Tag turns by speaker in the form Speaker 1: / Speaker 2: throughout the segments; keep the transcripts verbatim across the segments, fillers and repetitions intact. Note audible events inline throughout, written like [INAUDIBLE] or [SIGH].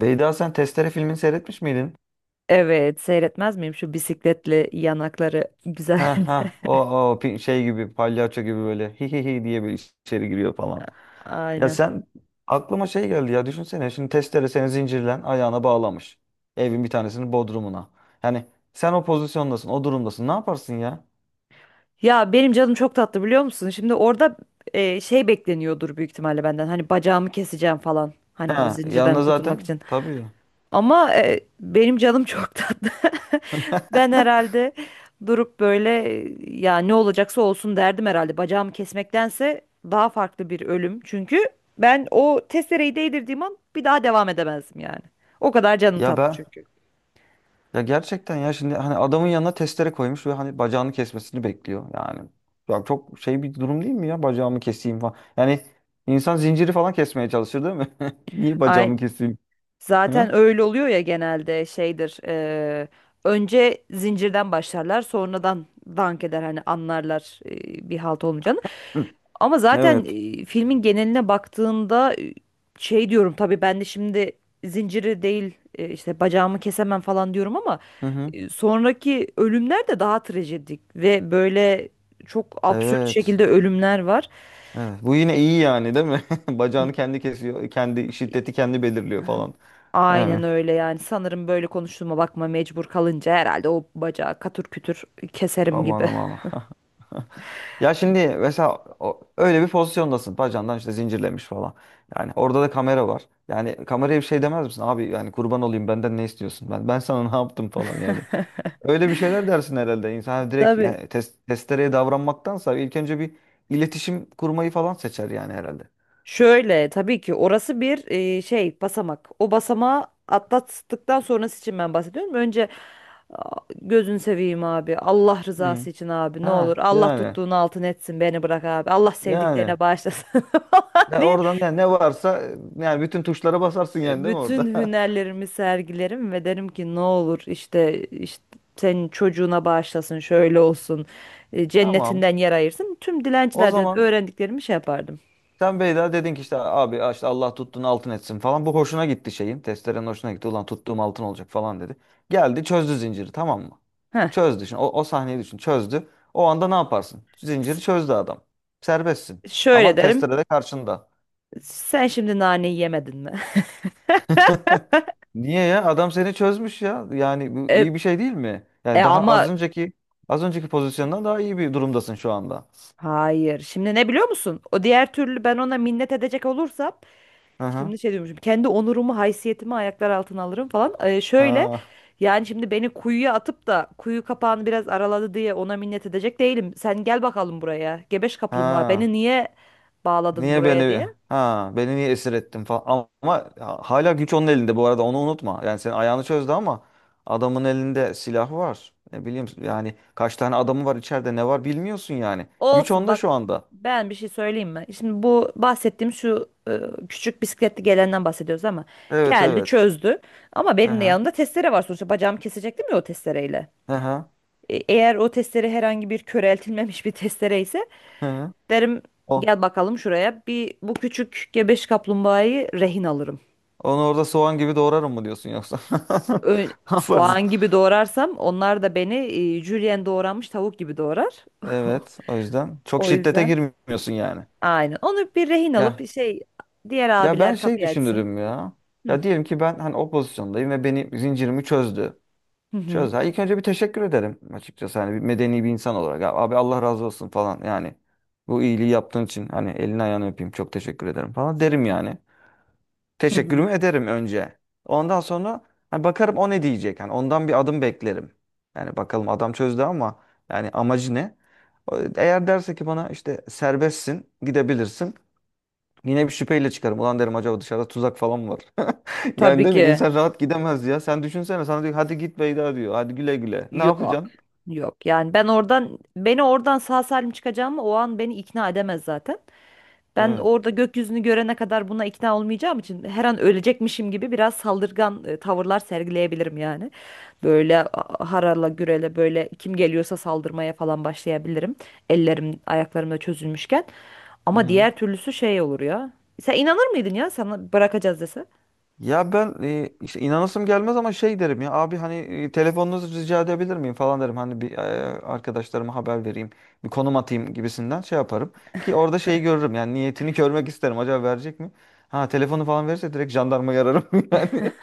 Speaker 1: Beyda, sen Testere filmini seyretmiş miydin?
Speaker 2: Evet, seyretmez miyim şu bisikletli yanakları güzel.
Speaker 1: Ha ha,
Speaker 2: [LAUGHS]
Speaker 1: o o pi- şey gibi, palyaço gibi, böyle hi hi hi diye bir içeri giriyor falan. Ya
Speaker 2: Aynen.
Speaker 1: sen Aklıma şey geldi ya, düşünsene, şimdi Testere seni zincirlen ayağına bağlamış. Evin bir tanesinin bodrumuna. Yani sen o pozisyondasın, o durumdasın, ne yaparsın ya?
Speaker 2: Ya benim canım çok tatlı biliyor musun? Şimdi orada e, şey bekleniyordur büyük ihtimalle benden. Hani bacağımı keseceğim falan. Hani o
Speaker 1: Ha,
Speaker 2: zincirden
Speaker 1: yanına
Speaker 2: kurtulmak
Speaker 1: zaten
Speaker 2: için.
Speaker 1: tabii.
Speaker 2: Ama e, benim canım çok tatlı. [LAUGHS] Ben
Speaker 1: [LAUGHS]
Speaker 2: herhalde durup böyle e, ya ne olacaksa olsun derdim herhalde. Bacağımı kesmektense daha farklı bir ölüm. Çünkü ben o testereyi değdirdiğim an bir daha devam edemezdim yani. O kadar canım
Speaker 1: Ya
Speaker 2: tatlı
Speaker 1: ben
Speaker 2: çünkü.
Speaker 1: Ya gerçekten ya, şimdi hani adamın yanına testere koymuş ve hani bacağını kesmesini bekliyor. Yani ya, çok şey bir durum değil mi ya, bacağımı keseyim falan. Yani insan zinciri falan kesmeye çalışır değil mi? [LAUGHS] Niye
Speaker 2: Ay,
Speaker 1: bacağımı keseyim? Hı?
Speaker 2: zaten öyle oluyor ya genelde şeydir. Eee, önce zincirden başlarlar, sonradan dank eder hani anlarlar, eee, bir halt olmayacağını.
Speaker 1: Hı.
Speaker 2: Ama zaten
Speaker 1: Evet.
Speaker 2: eee, filmin geneline baktığında, eee, şey diyorum tabii ben de şimdi zinciri değil, eee, işte bacağımı kesemem falan diyorum ama
Speaker 1: Hı hı.
Speaker 2: eee, sonraki ölümler de daha trajedik ve böyle çok absürt
Speaker 1: Evet.
Speaker 2: şekilde ölümler var.
Speaker 1: Evet, bu yine iyi yani değil mi? [LAUGHS] Bacağını kendi kesiyor. Kendi şiddeti kendi belirliyor falan.
Speaker 2: Aynen
Speaker 1: Yani.
Speaker 2: öyle yani, sanırım böyle konuştuğuma bakma, mecbur kalınca herhalde o bacağı katır kütür keserim
Speaker 1: Aman
Speaker 2: gibi.
Speaker 1: aman. [LAUGHS] Ya şimdi mesela o- öyle bir pozisyondasın. Bacandan işte zincirlemiş falan. Yani orada da kamera var. Yani kameraya bir şey demez misin? Abi yani kurban olayım, benden ne istiyorsun? Ben ben sana [LAUGHS] ne yaptım falan yani. Öyle bir şeyler dersin herhalde. İnsan hani
Speaker 2: [LAUGHS]
Speaker 1: direkt,
Speaker 2: Tabii.
Speaker 1: yani tes- testereye davranmaktansa ilk önce bir iletişim kurmayı falan seçer yani herhalde.
Speaker 2: Şöyle tabii ki orası bir e, şey basamak. O basamağı atlattıktan sonrası için ben bahsediyorum. Önce a, gözün seveyim abi. Allah
Speaker 1: Hı.
Speaker 2: rızası için abi ne olur.
Speaker 1: Ha
Speaker 2: Allah
Speaker 1: yani
Speaker 2: tuttuğunu altın etsin, beni bırak abi. Allah sevdiklerine
Speaker 1: yani.
Speaker 2: bağışlasın [LAUGHS] falan
Speaker 1: Ya
Speaker 2: diye
Speaker 1: oradan, ne, ne varsa yani, bütün tuşlara basarsın
Speaker 2: e,
Speaker 1: yani değil mi
Speaker 2: bütün
Speaker 1: orada?
Speaker 2: hünerlerimi sergilerim ve derim ki ne olur, işte işte senin çocuğuna bağışlasın, şöyle olsun, e,
Speaker 1: [LAUGHS] Tamam.
Speaker 2: cennetinden yer ayırsın. Tüm
Speaker 1: O
Speaker 2: dilencilerden
Speaker 1: zaman,
Speaker 2: öğrendiklerimi şey yapardım.
Speaker 1: sen Beyda dedin ki işte abi, işte Allah tuttuğunu altın etsin falan. Bu hoşuna gitti şeyin, Testerenin hoşuna gitti. Ulan tuttuğum altın olacak falan dedi. Geldi, çözdü zinciri, tamam mı?
Speaker 2: Heh.
Speaker 1: Çözdü şimdi. O, o sahneyi düşün. Çözdü. O anda ne yaparsın?
Speaker 2: S-
Speaker 1: Zinciri çözdü adam. Serbestsin.
Speaker 2: Şöyle
Speaker 1: Ama
Speaker 2: derim,
Speaker 1: testere de karşında.
Speaker 2: sen şimdi naneyi yemedin mi? [LAUGHS]
Speaker 1: [LAUGHS] Niye ya? Adam seni çözmüş ya. Yani bu
Speaker 2: E,
Speaker 1: iyi bir şey değil mi?
Speaker 2: e
Speaker 1: Yani daha az
Speaker 2: ama
Speaker 1: önceki az önceki pozisyondan daha iyi bir durumdasın şu anda.
Speaker 2: hayır, şimdi ne biliyor musun? O diğer türlü ben ona minnet edecek olursam,
Speaker 1: Hı hı.
Speaker 2: şimdi şey diyormuşum. Kendi onurumu, haysiyetimi ayaklar altına alırım falan. Ee, şöyle
Speaker 1: Ha.
Speaker 2: yani, şimdi beni kuyuya atıp da kuyu kapağını biraz araladı diye ona minnet edecek değilim. Sen gel bakalım buraya. Gebeş kaplumbağa. Beni
Speaker 1: Ha.
Speaker 2: niye bağladın
Speaker 1: Niye
Speaker 2: buraya,
Speaker 1: beni
Speaker 2: diye.
Speaker 1: ha beni niye esir ettin falan, ama ama hala güç onun elinde bu arada, onu unutma. Yani senin ayağını çözdü ama adamın elinde silah var. Ne bileyim yani, kaç tane adamı var içeride, ne var bilmiyorsun yani. Güç
Speaker 2: Olsun
Speaker 1: onda
Speaker 2: bak.
Speaker 1: şu anda.
Speaker 2: Ben bir şey söyleyeyim mi? Şimdi bu bahsettiğim şu e, küçük bisikletli gelenden bahsediyoruz ama
Speaker 1: Evet,
Speaker 2: geldi
Speaker 1: evet.
Speaker 2: çözdü. Ama
Speaker 1: Hı
Speaker 2: benim de
Speaker 1: hı.
Speaker 2: yanımda testere var sonuçta. Bacağımı kesecektim ya o testereyle.
Speaker 1: Hı hı.
Speaker 2: E, eğer o testere herhangi bir köreltilmemiş bir testere ise
Speaker 1: Hı hı.
Speaker 2: derim
Speaker 1: O.
Speaker 2: gel bakalım şuraya. Bir bu küçük gebeş kaplumbağayı rehin alırım.
Speaker 1: Onu orada soğan gibi doğrarım mı diyorsun yoksa?
Speaker 2: Ö-
Speaker 1: [LAUGHS] Ne yaparsın?
Speaker 2: Soğan gibi doğrarsam onlar da beni e, jülyen doğranmış tavuk gibi doğrar. [LAUGHS]
Speaker 1: Evet, o yüzden çok
Speaker 2: O
Speaker 1: şiddete
Speaker 2: yüzden
Speaker 1: girmiyorsun yani.
Speaker 2: aynen. Onu bir rehin alıp bir
Speaker 1: Ya
Speaker 2: şey, diğer
Speaker 1: ya ben
Speaker 2: abiler
Speaker 1: şey
Speaker 2: kapıyı açsın.
Speaker 1: düşünürüm ya. Ya diyelim ki ben hani o pozisyondayım ve beni zincirimi çözdü.
Speaker 2: Hı hı.
Speaker 1: Çözer. İlk önce bir teşekkür ederim açıkçası. Hani bir medeni bir insan olarak. Ya abi, Allah razı olsun falan yani. Bu iyiliği yaptığın için hani elini ayağını öpeyim, çok teşekkür ederim falan derim yani.
Speaker 2: Hı hı.
Speaker 1: Teşekkürümü ederim önce. Ondan sonra hani bakarım o ne diyecek. Hani ondan bir adım beklerim. Yani bakalım adam çözdü ama yani amacı ne? O- Eğer derse ki bana işte serbestsin, gidebilirsin. Yine bir şüpheyle çıkarım. Ulan derim, acaba dışarıda tuzak falan mı var? [LAUGHS] Yani
Speaker 2: Tabii
Speaker 1: değil mi?
Speaker 2: ki.
Speaker 1: İnsan rahat gidemez ya. Sen düşünsene, sana diyor hadi git Beyda diyor. Hadi güle güle. Ne
Speaker 2: Yok.
Speaker 1: yapacaksın?
Speaker 2: Yok. Yani ben oradan, beni oradan sağ salim çıkacağımı o an beni ikna edemez zaten. Ben
Speaker 1: Evet.
Speaker 2: orada gökyüzünü görene kadar buna ikna olmayacağım için, her an ölecekmişim gibi biraz saldırgan e, tavırlar sergileyebilirim yani. Böyle a- harala gürele böyle kim geliyorsa saldırmaya falan başlayabilirim. Ellerim ayaklarım da çözülmüşken.
Speaker 1: Hı
Speaker 2: Ama
Speaker 1: hı.
Speaker 2: diğer türlüsü şey olur ya. Sen inanır mıydın ya sana bırakacağız dese?
Speaker 1: Ya ben e, işte inanasım gelmez ama şey derim, ya abi hani e, telefonunuzu rica edebilir miyim falan derim. Hani bir e, arkadaşlarıma haber vereyim, bir konum atayım gibisinden şey yaparım ki orada şeyi görürüm. Yani niyetini görmek isterim. Acaba verecek mi? Ha, telefonu falan verirse direkt jandarmayı ararım [LAUGHS] yani.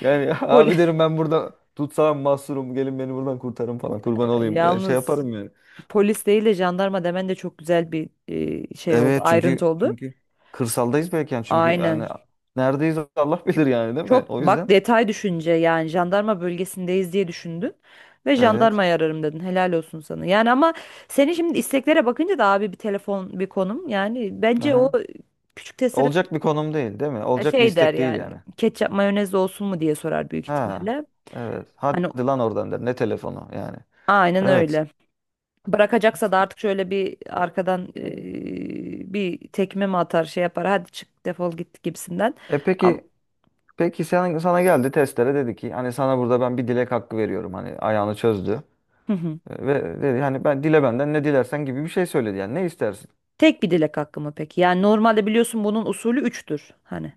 Speaker 1: Yani
Speaker 2: Poli
Speaker 1: abi derim ben burada tutsam mahsurum, gelin beni buradan kurtarın falan, kurban
Speaker 2: [LAUGHS]
Speaker 1: olayım. Yani şey
Speaker 2: Yalnız
Speaker 1: yaparım yani.
Speaker 2: polis değil de jandarma demen de çok güzel bir e, şey oldu,
Speaker 1: Evet,
Speaker 2: ayrıntı
Speaker 1: çünkü
Speaker 2: oldu.
Speaker 1: çünkü kırsaldayız belki yani, çünkü yani
Speaker 2: Aynen.
Speaker 1: neredeyiz Allah bilir yani değil mi?
Speaker 2: Çok
Speaker 1: O
Speaker 2: bak
Speaker 1: yüzden
Speaker 2: detay düşünce, yani jandarma bölgesindeyiz diye düşündün ve
Speaker 1: evet.
Speaker 2: jandarmayı ararım dedin. Helal olsun sana. Yani ama senin şimdi isteklere bakınca da abi bir telefon bir konum, yani bence o
Speaker 1: Aha.
Speaker 2: küçük testere
Speaker 1: Olacak bir konum değil, değil mi? Olacak bir
Speaker 2: şey der
Speaker 1: istek değil
Speaker 2: yani,
Speaker 1: yani.
Speaker 2: ketçap mayonez olsun mu diye sorar büyük
Speaker 1: Ha.
Speaker 2: ihtimalle.
Speaker 1: Evet. Hadi
Speaker 2: Hani
Speaker 1: lan oradan der. Ne telefonu yani.
Speaker 2: aynen
Speaker 1: Evet.
Speaker 2: öyle. Bırakacaksa da artık şöyle bir arkadan eee, bir tekme mi atar şey yapar hadi çık defol git gibisinden.
Speaker 1: E
Speaker 2: Ama,
Speaker 1: peki peki sen, sana geldi Testere dedi ki hani sana burada ben bir dilek hakkı veriyorum. Hani ayağını çözdü.
Speaker 2: hı hı.
Speaker 1: E, Ve dedi hani ben dile, benden ne dilersen gibi bir şey söyledi yani, ne istersin?
Speaker 2: Tek bir dilek hakkı mı peki? Yani normalde biliyorsun bunun usulü üçtür hani.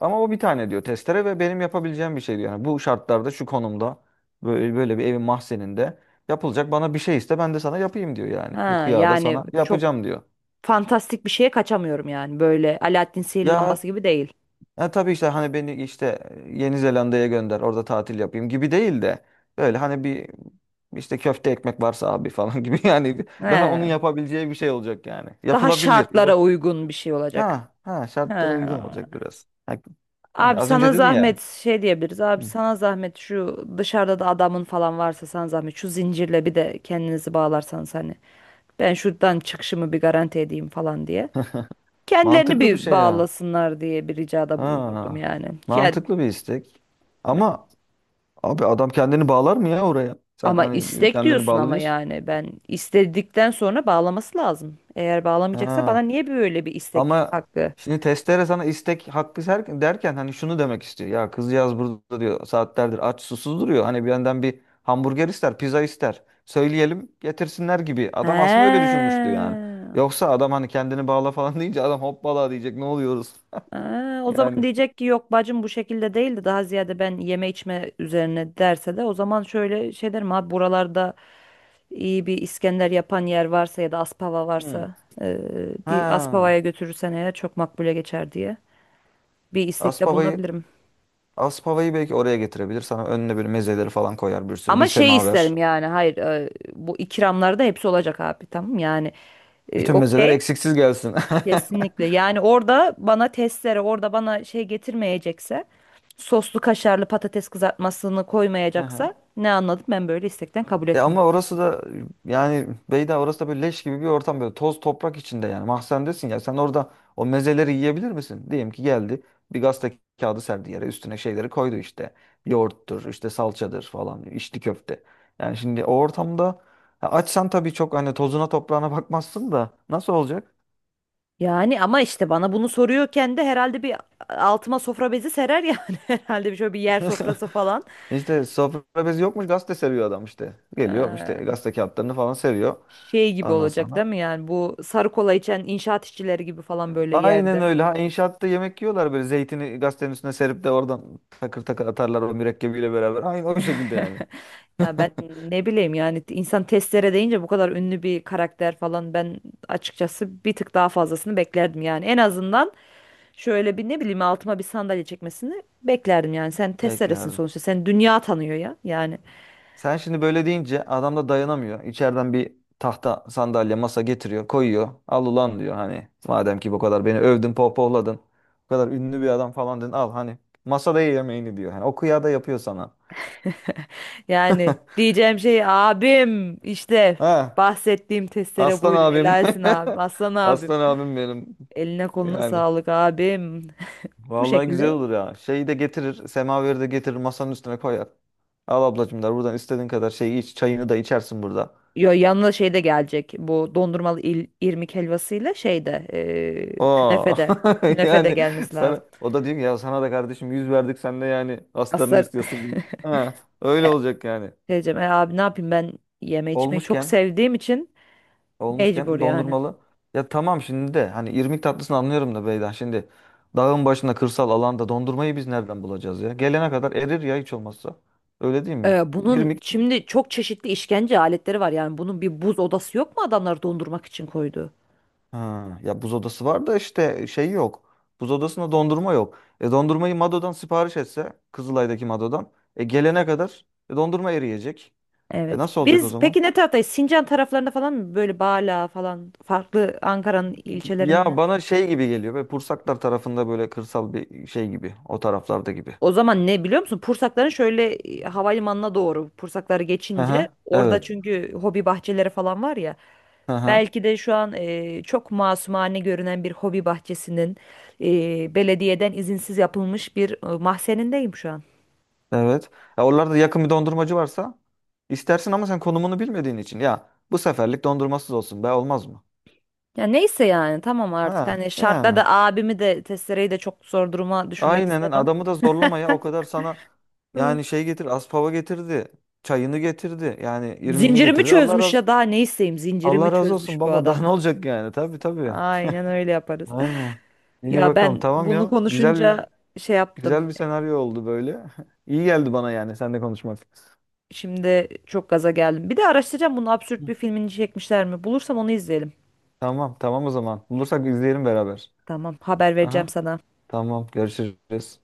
Speaker 1: Ama o bir tane diyor Testere ve benim yapabileceğim bir şey diyor. Yani bu şartlarda, şu konumda, böyle, böyle bir evin mahzeninde yapılacak bana bir şey iste, ben de sana yapayım diyor yani. Bu
Speaker 2: Ha,
Speaker 1: kıyada
Speaker 2: yani
Speaker 1: sana
Speaker 2: çok
Speaker 1: yapacağım diyor.
Speaker 2: fantastik bir şeye kaçamıyorum yani. Böyle Alaaddin sihirli
Speaker 1: Ya
Speaker 2: lambası gibi değil.
Speaker 1: Ya tabii işte hani beni işte e, Yeni Zelanda'ya gönder orada tatil yapayım gibi değil de böyle hani bir işte köfte ekmek varsa abi falan [LAUGHS] gibi yani, bir- daha onun
Speaker 2: He.
Speaker 1: yapabileceği bir şey olacak yani.
Speaker 2: Daha
Speaker 1: Yapılabilir. Uğra-
Speaker 2: şartlara uygun bir şey olacak.
Speaker 1: Ha ha,
Speaker 2: He.
Speaker 1: şartlara uygun olacak biraz. Ha, yani
Speaker 2: Abi
Speaker 1: az önce
Speaker 2: sana
Speaker 1: dedin ya.
Speaker 2: zahmet şey diyebiliriz. Abi
Speaker 1: Hı.
Speaker 2: sana zahmet, şu dışarıda da adamın falan varsa sana zahmet. Şu zincirle bir de kendinizi bağlarsanız hani. Ben şuradan çıkışımı bir garanti edeyim falan diye.
Speaker 1: [LAUGHS]
Speaker 2: Kendilerini
Speaker 1: Mantıklı bir
Speaker 2: bir
Speaker 1: şey ya.
Speaker 2: bağlasınlar diye bir ricada bulunurdum
Speaker 1: Ha,
Speaker 2: yani. Ya,
Speaker 1: mantıklı bir istek. Ama abi adam kendini bağlar mı ya oraya? Sen
Speaker 2: ama
Speaker 1: hani
Speaker 2: istek
Speaker 1: kendini
Speaker 2: diyorsun,
Speaker 1: bağlı
Speaker 2: ama
Speaker 1: diyorsun.
Speaker 2: yani ben istedikten sonra bağlaması lazım. Eğer bağlamayacaksa bana
Speaker 1: Ha.
Speaker 2: niye böyle bir istek
Speaker 1: Ama
Speaker 2: hakkı?
Speaker 1: şimdi testere sana istek hakkı ser- derken hani şunu demek istiyor. Ya kızcağız burada diyor saatlerdir aç susuz duruyor. Hani bir yandan bir hamburger ister, pizza ister. Söyleyelim getirsinler gibi. Adam aslında öyle
Speaker 2: He.
Speaker 1: düşünmüştü yani. Yoksa adam hani kendini bağla falan [LAUGHS] deyince adam hoppala diyecek, ne oluyoruz.
Speaker 2: He.
Speaker 1: [LAUGHS]
Speaker 2: O zaman
Speaker 1: Yani.
Speaker 2: diyecek ki yok bacım bu şekilde değildi, daha ziyade ben yeme içme üzerine derse de, o zaman şöyle şey derim, abi buralarda iyi bir İskender yapan yer varsa ya da Aspava
Speaker 1: Hmm.
Speaker 2: varsa, e, bir
Speaker 1: Ha.
Speaker 2: Aspava'ya götürürsen eğer çok makbule geçer diye bir istekte
Speaker 1: Aspava'yı
Speaker 2: bulunabilirim.
Speaker 1: Aspava'yı belki oraya getirebilir. Sana önüne böyle mezeleri falan koyar bir sürü. Bir
Speaker 2: Ama şey isterim
Speaker 1: semaver.
Speaker 2: yani, hayır e, bu ikramlarda hepsi olacak abi, tamam yani, e,
Speaker 1: Bütün mezeler
Speaker 2: okey,
Speaker 1: eksiksiz gelsin.
Speaker 2: kesinlikle yani orada bana testere, orada bana şey getirmeyecekse, soslu kaşarlı patates kızartmasını
Speaker 1: [LAUGHS] Aha.
Speaker 2: koymayacaksa ne anladım ben böyle istekten, kabul
Speaker 1: E
Speaker 2: etmiyorum.
Speaker 1: ama orası da yani Beyda, orası da böyle leş gibi bir ortam, böyle toz toprak içinde yani, mahzendesin ya sen orada o mezeleri yiyebilir misin? Diyelim ki geldi, bir gazete kağıdı serdi yere, üstüne şeyleri koydu işte, yoğurttur işte, salçadır falan, içli köfte. Yani şimdi o ortamda, ya açsan tabii çok hani tozuna toprağına bakmazsın da nasıl olacak?
Speaker 2: Yani ama işte bana bunu soruyorken de herhalde bir altıma sofra bezi serer yani [LAUGHS] herhalde bir şöyle bir yer
Speaker 1: [LAUGHS]
Speaker 2: sofrası falan.
Speaker 1: İşte sofra bezi yokmuş, gazete seriyor adam işte, geliyor işte
Speaker 2: Ee,
Speaker 1: gazete kağıtlarını falan seriyor.
Speaker 2: şey gibi olacak
Speaker 1: Anlasam.
Speaker 2: değil mi yani, bu sarı kola içen inşaat işçileri gibi falan böyle
Speaker 1: Aynen
Speaker 2: yerde.
Speaker 1: öyle. Ha, inşaatta yemek yiyorlar böyle, zeytini gazetenin üstüne serip de oradan takır takır atarlar o mürekkebiyle beraber. Aynı o şekilde yani.
Speaker 2: Ya ben ne bileyim yani, insan testlere deyince bu kadar ünlü bir karakter falan, ben açıkçası bir tık daha fazlasını beklerdim yani. En azından şöyle bir ne bileyim altıma bir sandalye çekmesini beklerdim yani. Sen testeresin
Speaker 1: Beklerdim.
Speaker 2: sonuçta. Sen dünya tanıyor ya yani.
Speaker 1: Sen şimdi böyle deyince adam da dayanamıyor. İçeriden bir tahta sandalye masa getiriyor koyuyor. Al ulan diyor, hani madem ki bu kadar beni övdün, pohpohladın. Bu kadar ünlü bir adam falan dedin, al hani masada ye yemeğini diyor. Yani o kıyada yapıyor sana.
Speaker 2: [LAUGHS] Yani
Speaker 1: [LAUGHS]
Speaker 2: diyeceğim şey abim, işte
Speaker 1: Ha,
Speaker 2: bahsettiğim testere
Speaker 1: aslan
Speaker 2: buydu.
Speaker 1: abim.
Speaker 2: Helalsin abim. Aslan
Speaker 1: [LAUGHS]
Speaker 2: abim.
Speaker 1: Aslan abim benim.
Speaker 2: Eline koluna
Speaker 1: Yani.
Speaker 2: sağlık abim. [LAUGHS] Bu
Speaker 1: Vallahi güzel
Speaker 2: şekilde,
Speaker 1: olur ya. Şeyi de getirir. Semaveri de getirir. Masanın üstüne koyar. Al ablacım der. Buradan istediğin kadar şeyi iç. Çayını da içersin burada.
Speaker 2: yo, yanına şey de gelecek. Bu dondurmalı il, irmik helvasıyla şey de, e, künefe
Speaker 1: Oo.
Speaker 2: de,
Speaker 1: [LAUGHS]
Speaker 2: künefe de
Speaker 1: Yani
Speaker 2: gelmesi
Speaker 1: sana
Speaker 2: lazım.
Speaker 1: o da diyor ki, ya sana da kardeşim yüz verdik, sen de yani astarını
Speaker 2: Aslar
Speaker 1: istiyorsun gibi. Ha, öyle
Speaker 2: [LAUGHS] E,
Speaker 1: olacak yani.
Speaker 2: diyeceğim, "E abi ne yapayım ben, yeme içmeyi çok
Speaker 1: Olmuşken
Speaker 2: sevdiğim için mecbur
Speaker 1: olmuşken
Speaker 2: yani.
Speaker 1: dondurmalı. Ya tamam, şimdi de hani irmik tatlısını anlıyorum da Beyda, şimdi dağın başında, kırsal alanda dondurmayı biz nereden bulacağız ya? Gelene kadar erir ya hiç olmazsa. Öyle değil mi?
Speaker 2: E, bunun şimdi çok çeşitli işkence aletleri var yani, bunun bir buz odası yok mu, adamlar dondurmak için koydu?
Speaker 1: Ha, ya buz odası var da işte şey yok. Buz odasında dondurma yok. E dondurmayı Mado'dan sipariş etse, Kızılay'daki Mado'dan, e gelene kadar e, dondurma eriyecek. E
Speaker 2: Evet.
Speaker 1: nasıl olacak o
Speaker 2: Biz
Speaker 1: zaman?
Speaker 2: peki ne taraftayız? Sincan taraflarında falan mı? Böyle Bala falan, farklı Ankara'nın
Speaker 1: Ya
Speaker 2: ilçelerinde.
Speaker 1: bana şey gibi geliyor ve Pursaklar tarafında böyle kırsal bir şey gibi, o taraflarda gibi.
Speaker 2: O zaman ne biliyor musun? Pursakların şöyle e, havalimanına doğru, Pursakları geçince
Speaker 1: Aha,
Speaker 2: orada
Speaker 1: evet.
Speaker 2: çünkü hobi bahçeleri falan var ya.
Speaker 1: Aha,
Speaker 2: Belki de şu an e, çok masumane görünen bir hobi bahçesinin e, belediyeden izinsiz yapılmış bir e, mahzenindeyim şu an.
Speaker 1: evet. Ya oralarda yakın bir dondurmacı varsa istersin ama sen konumunu bilmediğin için, ya bu seferlik dondurmasız olsun, be olmaz mı?
Speaker 2: Ya neyse yani tamam, artık
Speaker 1: Ha,
Speaker 2: hani şartla
Speaker 1: yani.
Speaker 2: da abimi de testereyi de çok zor duruma düşürmek
Speaker 1: Aynen
Speaker 2: istemem.
Speaker 1: adamı da zorlama ya, o kadar sana
Speaker 2: Hı.
Speaker 1: yani şey getir, aspava getirdi, çayını getirdi yani, irmiğini
Speaker 2: Zincirimi
Speaker 1: getirdi, Allah
Speaker 2: çözmüş
Speaker 1: razı.
Speaker 2: ya, daha ne isteyeyim, zincirimi
Speaker 1: Allah razı olsun
Speaker 2: çözmüş bu
Speaker 1: baba [LAUGHS] daha
Speaker 2: adam.
Speaker 1: ne olacak yani, tabii, tabii,
Speaker 2: Aynen öyle yaparız.
Speaker 1: aynen.
Speaker 2: [LAUGHS]
Speaker 1: İyi
Speaker 2: Ya
Speaker 1: bakalım,
Speaker 2: ben
Speaker 1: tamam
Speaker 2: bunu
Speaker 1: ya, güzel bir
Speaker 2: konuşunca şey yaptım.
Speaker 1: güzel bir senaryo oldu böyle. [LAUGHS] İyi geldi bana yani seninle konuşmak.
Speaker 2: Şimdi çok gaza geldim. Bir de araştıracağım bunu, absürt
Speaker 1: Hı.
Speaker 2: bir filmini çekmişler mi? Bulursam onu izleyelim.
Speaker 1: Tamam, tamam, o zaman bulursak izleyelim beraber.
Speaker 2: Tamam, haber vereceğim
Speaker 1: Aha.
Speaker 2: sana.
Speaker 1: Tamam, görüşürüz.